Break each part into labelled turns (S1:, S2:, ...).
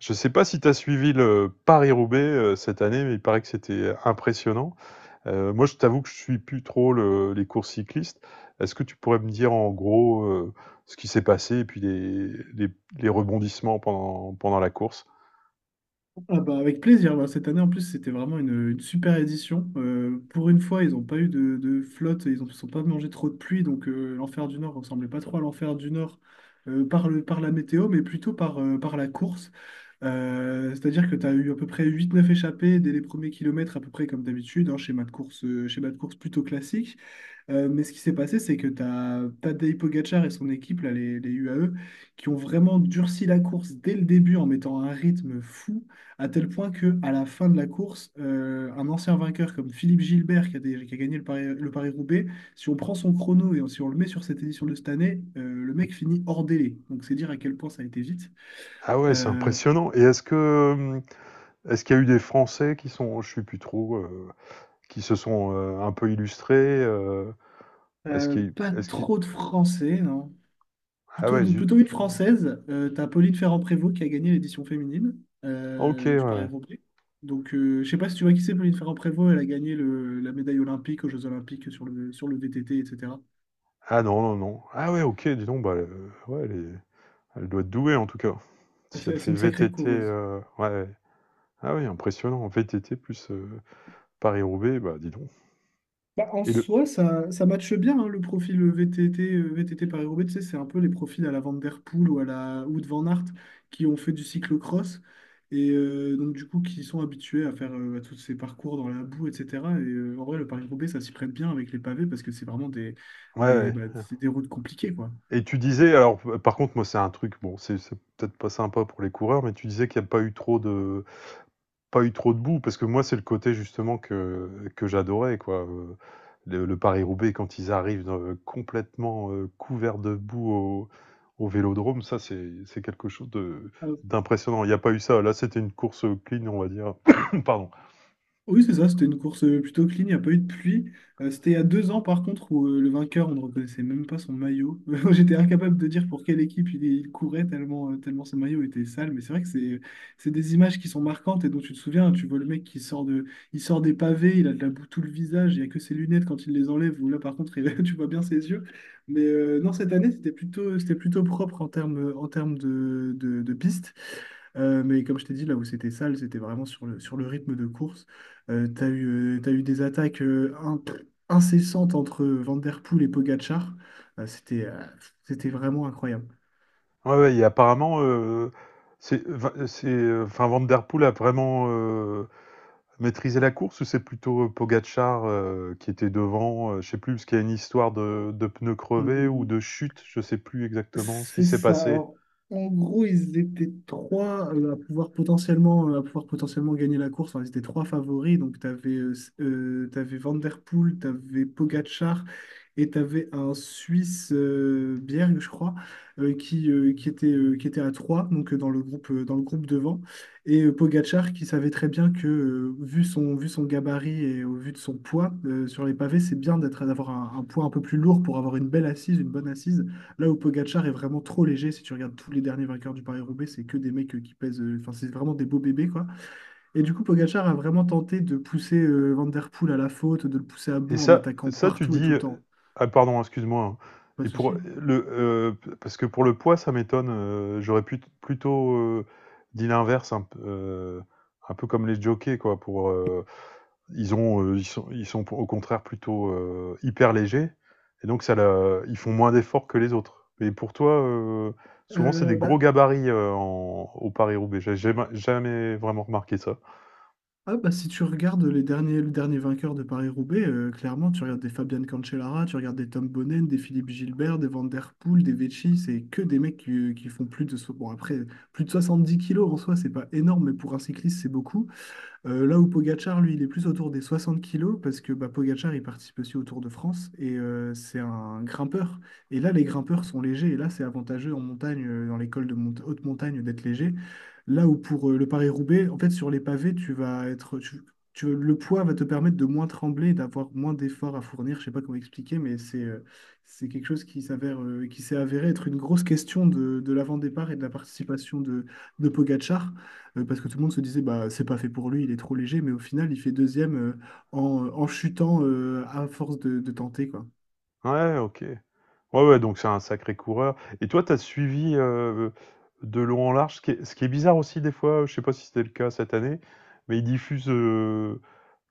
S1: Je ne sais pas si tu as suivi le Paris-Roubaix cette année, mais il paraît que c'était impressionnant. Moi, je t'avoue que je suis plus trop les courses cyclistes. Est-ce que tu pourrais me dire en gros ce qui s'est passé et puis les- les rebondissements pendant la course?
S2: Ah bah avec plaisir. Bah, cette année, en plus, c'était vraiment une super édition. Pour une fois, ils n'ont pas eu de flotte, ils ne sont pas mangé trop de pluie. Donc, l'enfer du Nord ressemblait pas trop à l'enfer du Nord par la météo, mais plutôt par la course. C'est-à-dire que tu as eu à peu près huit neuf échappées dès les premiers kilomètres, à peu près comme d'habitude, hein, schéma de course, plutôt classique. Mais ce qui s'est passé, c'est que tu as Tadej Pogacar et son équipe, là, les UAE, qui ont vraiment durci la course dès le début en mettant un rythme fou, à tel point que à la fin de la course, un ancien vainqueur comme Philippe Gilbert, qui a gagné le Paris-Roubaix, si on prend son chrono et si on le met sur cette édition de cette année, le mec finit hors délai. Donc c'est dire à quel point ça a été vite.
S1: Ah ouais, c'est
S2: Euh,
S1: impressionnant. Et est-ce que est-ce qu'il y a eu des Français qui sont, je suis plus trop, qui se sont un peu illustrés, euh, est-ce
S2: euh,
S1: qu'il
S2: pas
S1: est-ce qu'il
S2: trop de Français, non.
S1: ah
S2: Plutôt,
S1: ouais, zut.
S2: plutôt une
S1: Ah,
S2: française. T'as Pauline Ferrand-Prévot qui a gagné l'édition féminine
S1: ok, ouais,
S2: du
S1: ouais.
S2: Paris-Roubaix. Donc, je sais pas si tu vois qui c'est, Pauline Ferrand-Prévot. Elle a gagné la médaille olympique aux Jeux Olympiques sur le VTT, etc.
S1: Ah non, non, non. Ah ouais, ok, dis donc, ouais, les, elle doit être douée en tout cas. Si elle
S2: C'est
S1: fait
S2: une sacrée
S1: VTT,
S2: coureuse.
S1: ouais. Ah oui, impressionnant. VTT plus Paris-Roubaix, bah dis donc.
S2: Bah, en
S1: Et le,
S2: soi, ça matche bien hein, le profil VTT Paris-Roubaix. Tu sais, c'est un peu les profils à la Van Der Poel ou à la ou de Van Aert qui ont fait du cyclocross et donc du coup qui sont habitués à faire à tous ces parcours dans la boue, etc. Et en vrai, le Paris-Roubaix, ça s'y prête bien avec les pavés parce que c'est vraiment
S1: ouais, ouais.
S2: c'est des routes compliquées, quoi.
S1: Et tu disais, alors par contre, moi c'est un truc, bon, c'est peut-être pas sympa pour les coureurs, mais tu disais qu'il n'y a pas eu trop de, pas eu trop de boue, parce que moi, c'est le côté justement que j'adorais, quoi, le Paris-Roubaix quand ils arrivent dans, complètement, couverts de boue au au vélodrome, ça, c'est quelque chose de d'impressionnant. Il y a pas eu ça. Là, c'était une course clean, on va dire. Pardon.
S2: Oui, c'est ça, c'était une course plutôt clean, il n'y a pas eu de pluie. C'était il y a 2 ans, par contre, où le vainqueur, on ne reconnaissait même pas son maillot. J'étais incapable de dire pour quelle équipe il courait, tellement son maillot était sale. Mais c'est vrai que c'est des images qui sont marquantes et dont tu te souviens. Tu vois le mec il sort des pavés, il a de la boue tout le visage, il n'y a que ses lunettes quand il les enlève, ou là, par contre, tu vois bien ses yeux. Mais non, cette année, c'était plutôt propre en termes de piste. Mais comme je t'ai dit, là où c'était sale, c'était vraiment sur le rythme de course. T'as eu des attaques incessantes entre Van Der Poel et Pogačar. Euh, c'était euh, c'était vraiment incroyable.
S1: Ouais, ouais et apparemment, c'est, enfin Van der Poel a vraiment, maîtriser la course ou c'est plutôt Pogachar qui était devant? Je sais plus, parce qu'il y a une histoire de pneus
S2: Mm,
S1: crevés
S2: mm,
S1: ou
S2: mm.
S1: de chute, je sais plus exactement ce qui
S2: C'est
S1: s'est
S2: ça.
S1: passé.
S2: Alors, en gros, ils étaient trois à pouvoir potentiellement gagner la course. Enfin, ils étaient trois favoris. Donc, tu avais, Van der Poel, tu avais Pogacar et tu avais un Suisse, Bjerg, je crois, qui était à trois, donc dans le groupe devant. Et Pogacar qui savait très bien que, vu son gabarit et au vu de son poids sur les pavés, c'est bien d'avoir un poids un peu plus lourd pour avoir une belle assise, une bonne assise. Là où Pogacar est vraiment trop léger, si tu regardes tous les derniers vainqueurs du Paris-Roubaix, c'est que des mecs enfin c'est vraiment des beaux bébés quoi. Et du coup, Pogacar a vraiment tenté de pousser Van Der Poel à la faute, de le pousser à
S1: Et
S2: bout en
S1: ça
S2: attaquant
S1: ça tu
S2: partout et tout
S1: dis,
S2: le temps.
S1: ah pardon, excuse-moi, hein.
S2: Pas
S1: Et
S2: de
S1: pour
S2: souci.
S1: le, parce que pour le poids, ça m'étonne, j'aurais plutôt, dit l'inverse un peu comme les jockeys quoi pour, euh, ils ont, ils sont au contraire plutôt, hyper légers et donc ça le ils font moins d'efforts que les autres. Et pour toi, souvent c'est
S2: Euh,
S1: des gros
S2: bah,
S1: gabarits, en au Paris-Roubaix. J'ai jamais vraiment remarqué ça.
S2: bah, si tu regardes le dernier vainqueur de Paris-Roubaix, clairement, tu regardes des Fabian Cancellara, tu regardes des Tom Bonnen, des Philippe Gilbert, des Van Der Poel, des Vecchi, c'est que des mecs qui font bon, après, plus de 70 kilos en soi, c'est pas énorme, mais pour un cycliste, c'est beaucoup. Là où Pogacar, lui, il est plus autour des 60 kilos parce que bah, Pogacar, il participe aussi au Tour de France et c'est un grimpeur. Et là, les grimpeurs sont légers et là, c'est avantageux en montagne, dans les cols de haute montagne, d'être léger. Là où pour le Paris-Roubaix, en fait, sur les pavés, tu vas être, tu- tu- le poids va te permettre de moins trembler, d'avoir moins d'efforts à fournir. Je sais pas comment expliquer, mais c'est quelque chose qui s'est avéré être une grosse question de l'avant-départ et de la participation de Pogacar. Parce que tout le monde se disait, bah, c'est pas fait pour lui, il est trop léger, mais au final, il fait deuxième en chutant à force de tenter, quoi.
S1: Ouais, OK. Ouais, ouais, donc c'est un sacré coureur et toi, t'as suivi, de long en large, ce qui est bizarre aussi des fois, je sais pas si c'était le cas cette année, mais ils diffusent,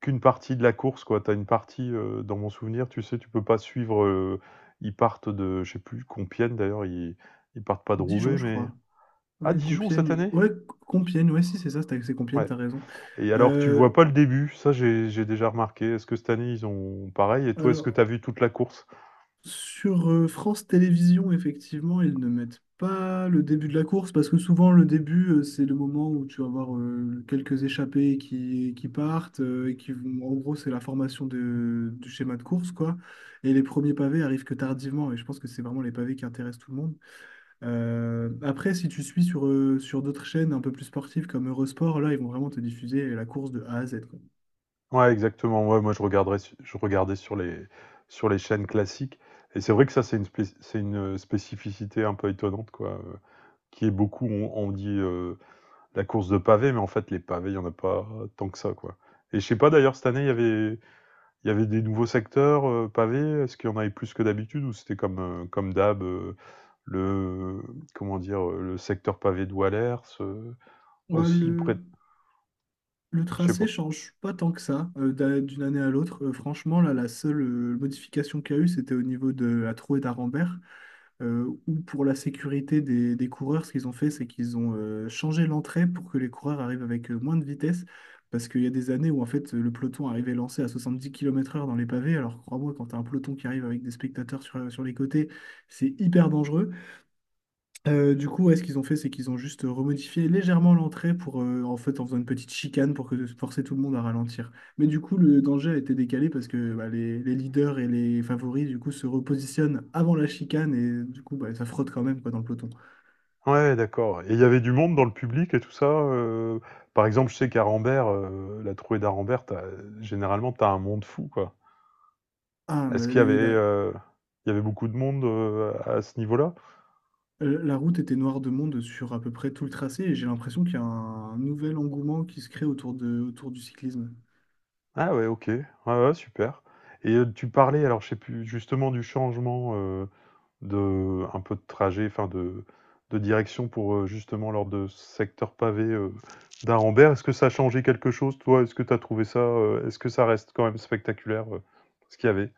S1: qu'une partie de la course, quoi. Tu as une partie, dans mon souvenir, tu sais, tu peux pas suivre, ils partent de je sais plus Compiègne d'ailleurs, ils partent pas de
S2: Dijon,
S1: Roubaix,
S2: je
S1: mais
S2: crois.
S1: à
S2: Ouais,
S1: Dijon cette
S2: Compiègne.
S1: année?
S2: Ouais, Compiègne, ouais, si, c'est ça, c'est Compiègne,
S1: Ouais,
S2: t'as raison.
S1: et alors tu vois
S2: Euh,
S1: pas le début, ça j'ai déjà remarqué. Est-ce que cette année ils ont pareil et toi, est-ce que tu as
S2: alors,
S1: vu toute la course?
S2: sur France Télévisions, effectivement, ils ne mettent pas le début de la course parce que souvent le début, c'est le moment où tu vas avoir quelques échappés qui partent et qui vont. En gros, c'est la formation du schéma de course, quoi. Et les premiers pavés arrivent que tardivement et je pense que c'est vraiment les pavés qui intéressent tout le monde. Après, si tu suis sur d'autres chaînes un peu plus sportives comme Eurosport, là, ils vont vraiment te diffuser la course de A à Z, quoi.
S1: Ouais, exactement, ouais, moi je regarderais su je regardais sur les chaînes classiques et c'est vrai que ça, c'est une spéc c'est une, spécificité un peu étonnante, quoi, qui est beaucoup on dit, la course de pavés, mais en fait, les pavés, il n'y en a pas tant que ça, quoi. Et je sais pas d'ailleurs, cette année, il y avait des nouveaux secteurs pavés. Est-ce qu'il y en avait plus que d'habitude ou c'était comme, comme d'hab, le, comment dire, le secteur pavé de Wallers,
S2: Ouais,
S1: aussi près
S2: le-
S1: de-
S2: Le
S1: je sais
S2: tracé
S1: pas.
S2: change pas tant que ça d'une année à l'autre. Franchement, là, la seule modification qu'il y a eu, c'était au niveau de la Trau et d'Arambert, où pour la sécurité des coureurs, ce qu'ils ont fait, c'est qu'ils ont changé l'entrée pour que les coureurs arrivent avec moins de vitesse, parce qu'il y a des années où en fait le peloton arrivait lancé à 70 km/h dans les pavés. Alors crois-moi, quand tu as un peloton qui arrive avec des spectateurs sur les côtés, c'est hyper dangereux. Du coup, ouais, ce qu'ils ont fait, c'est qu'ils ont juste remodifié légèrement l'entrée pour, en fait, en faisant une petite chicane pour que forcer tout le monde à ralentir. Mais du coup, le danger a été décalé parce que bah, les leaders et les favoris, du coup, se repositionnent avant la chicane et du coup, bah, ça frotte quand même quoi, dans le peloton.
S1: Ouais, d'accord. Et il y avait du monde dans le public et tout ça. Par exemple, je sais qu'à Rambert, la trouée d'Arambert, généralement, t'as un monde fou, quoi.
S2: Ah,
S1: Est-ce
S2: mais
S1: qu'il y avait,
S2: les- la,
S1: il y avait beaucoup de monde à ce niveau-là?
S2: euh, la route était noire de monde sur à peu près tout le tracé et j'ai l'impression qu'il y a un nouvel engouement qui se crée autour du cyclisme.
S1: Ah ouais, OK. Ouais, ouais, super et tu parlais, alors je sais plus, justement du changement, de un peu de trajet, enfin de direction pour, justement lors de ce secteur pavé, d'Arenberg. Est-ce que ça a changé quelque chose toi? Est-ce que tu as trouvé ça, est-ce que ça reste quand même spectaculaire, ce qu'il y avait?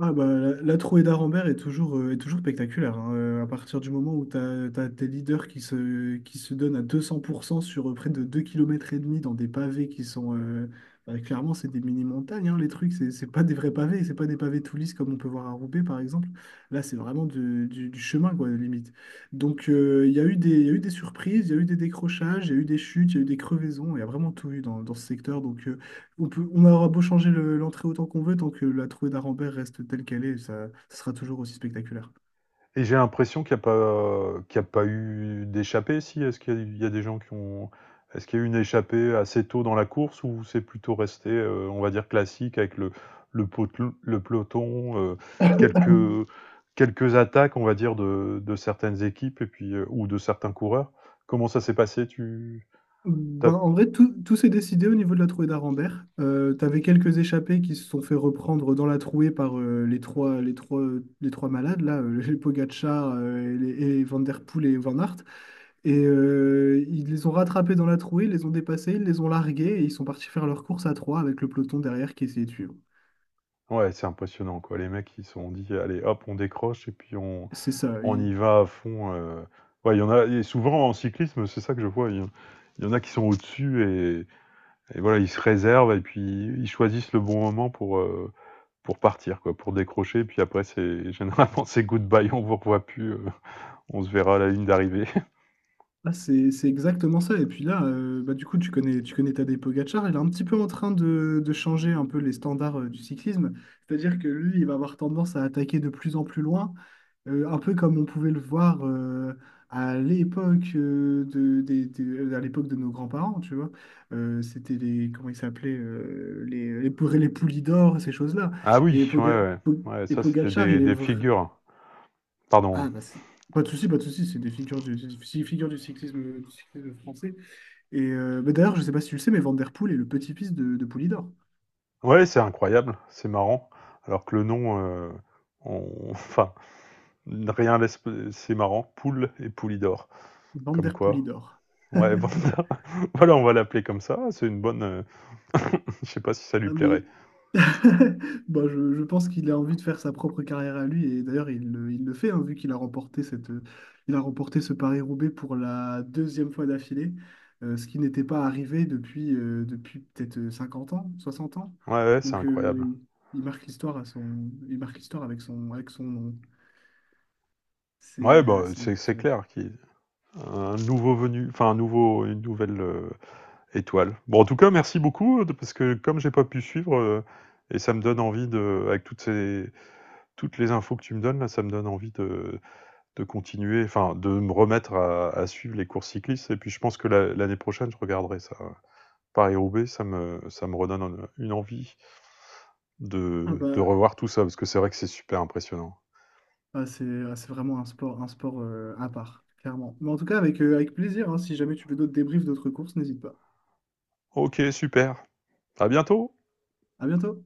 S2: Ah bah, la trouée d'Arambert est toujours spectaculaire, hein. À partir du moment où tes leaders qui se donnent à 200% sur près de 2,5 kilomètres dans des pavés. Bah, clairement, c'est des mini-montagnes, hein, les trucs. C'est pas des vrais pavés, c'est pas des pavés tout lisses comme on peut voir à Roubaix, par exemple. Là, c'est vraiment du chemin, quoi, limite. Donc, il y a eu des, il y a eu des surprises, il y a eu des décrochages, il y a eu des chutes, il y a eu des crevaisons. Il y a vraiment tout eu dans ce secteur. Donc, on aura beau changer l'entrée autant qu'on veut, tant que la trouée d'Arambert reste telle qu'elle est, ça sera toujours aussi spectaculaire.
S1: Et j'ai l'impression qu'il n'y a pas, qu'il y a pas eu d'échappée, si. Est-ce qu'il y a, il y a des gens qui ont. Est-ce qu'il y a eu une échappée assez tôt dans la course ou c'est plutôt resté, on va dire, classique avec le, pot- le peloton, quelques, quelques attaques, on va dire, de certaines équipes et puis, ou de certains coureurs? Comment ça s'est passé? T'as-
S2: Ben, en vrai, tout s'est décidé au niveau de la trouée d'Arambert. T'avais quelques échappés qui se sont fait reprendre dans la trouée par les trois malades, là, les Pogacar, et Van Der Poel et Van Aert. Et ils les ont rattrapés dans la trouée, ils les ont dépassés, ils les ont largués et ils sont partis faire leur course à trois avec le peloton derrière qui essayait de suivre.
S1: Ouais, c'est impressionnant quoi. Les mecs, ils se sont dit: «Allez hop, on décroche et puis on
S2: C'est ça.
S1: on y va à fond», ouais, il y en a et souvent en cyclisme, c'est ça que je vois, il y en a qui sont au-dessus et et voilà, ils se réservent et puis ils choisissent le bon moment pour partir quoi, pour décrocher et puis après c'est généralement c'est good bye, on vous revoit plus, on se verra à la ligne d'arrivée.
S2: Ah, c'est exactement ça. Et puis là, bah, du coup, tu connais Tadej Pogacar. Il est un petit peu en train de changer un peu les standards du cyclisme. C'est-à-dire que lui, il va avoir tendance à attaquer de plus en plus loin, un peu comme on pouvait le voir à l'époque à l'époque de nos grands-parents, tu vois. C'était les, comment ils s'appelaient, les poulies d'or, ces choses-là.
S1: Ah oui,
S2: Et,
S1: ouais, ouais,
S2: Po-
S1: ouais, ça c'était
S2: Pogacar,
S1: des
S2: il est
S1: des
S2: vrai.
S1: figures. Hein. Pardon.
S2: Ah, bah, pas de souci, pas de souci, c'est des figures du cyclisme français. Et bah, d'ailleurs, je sais pas si tu le sais, mais Van Der Poel est le petit-fils de Poulidor.
S1: Ouais, c'est incroyable, c'est marrant alors que le nom, on enfin rien laisse. C'est marrant. Poule et Poulidor.
S2: Van
S1: Comme
S2: Der
S1: quoi.
S2: Poulidor.
S1: Ouais, Vanda. Voilà, on va l'appeler comme ça. C'est une bonne. Je sais pas si ça lui
S2: Ah, mais
S1: plairait.
S2: bah, je pense qu'il a envie de faire sa propre carrière à lui, et d'ailleurs, il le fait, hein, vu qu'il a remporté il a remporté ce Paris-Roubaix pour la deuxième fois d'affilée, ce qui n'était pas arrivé depuis, depuis peut-être 50 ans, 60 ans.
S1: Ouais, ouais, c'est
S2: Donc,
S1: incroyable.
S2: il marque l'histoire il marque l'histoire avec son nom. C'est
S1: Ouais, bah,
S2: euh, c'est
S1: c'est
S2: exceptionnel.
S1: clair qu'il y a un nouveau venu, enfin un nouveau, une nouvelle étoile. Bon, en tout cas, merci beaucoup parce que comme j'ai pas pu suivre et ça me donne envie de, avec toutes ces, toutes les infos que tu me donnes là, ça me donne envie de continuer, enfin de me remettre à suivre les courses cyclistes. Et puis je pense que l'année prochaine, je regarderai ça. Hein. Paris-Roubaix, ça me redonne en, une envie
S2: Ah
S1: de
S2: bah,
S1: revoir tout ça, parce que c'est vrai que c'est super impressionnant.
S2: c'est vraiment un sport à part, clairement. Mais en tout cas, avec plaisir, hein. Si jamais tu veux d'autres débriefs, d'autres courses, n'hésite pas.
S1: OK, super. À bientôt!
S2: À bientôt!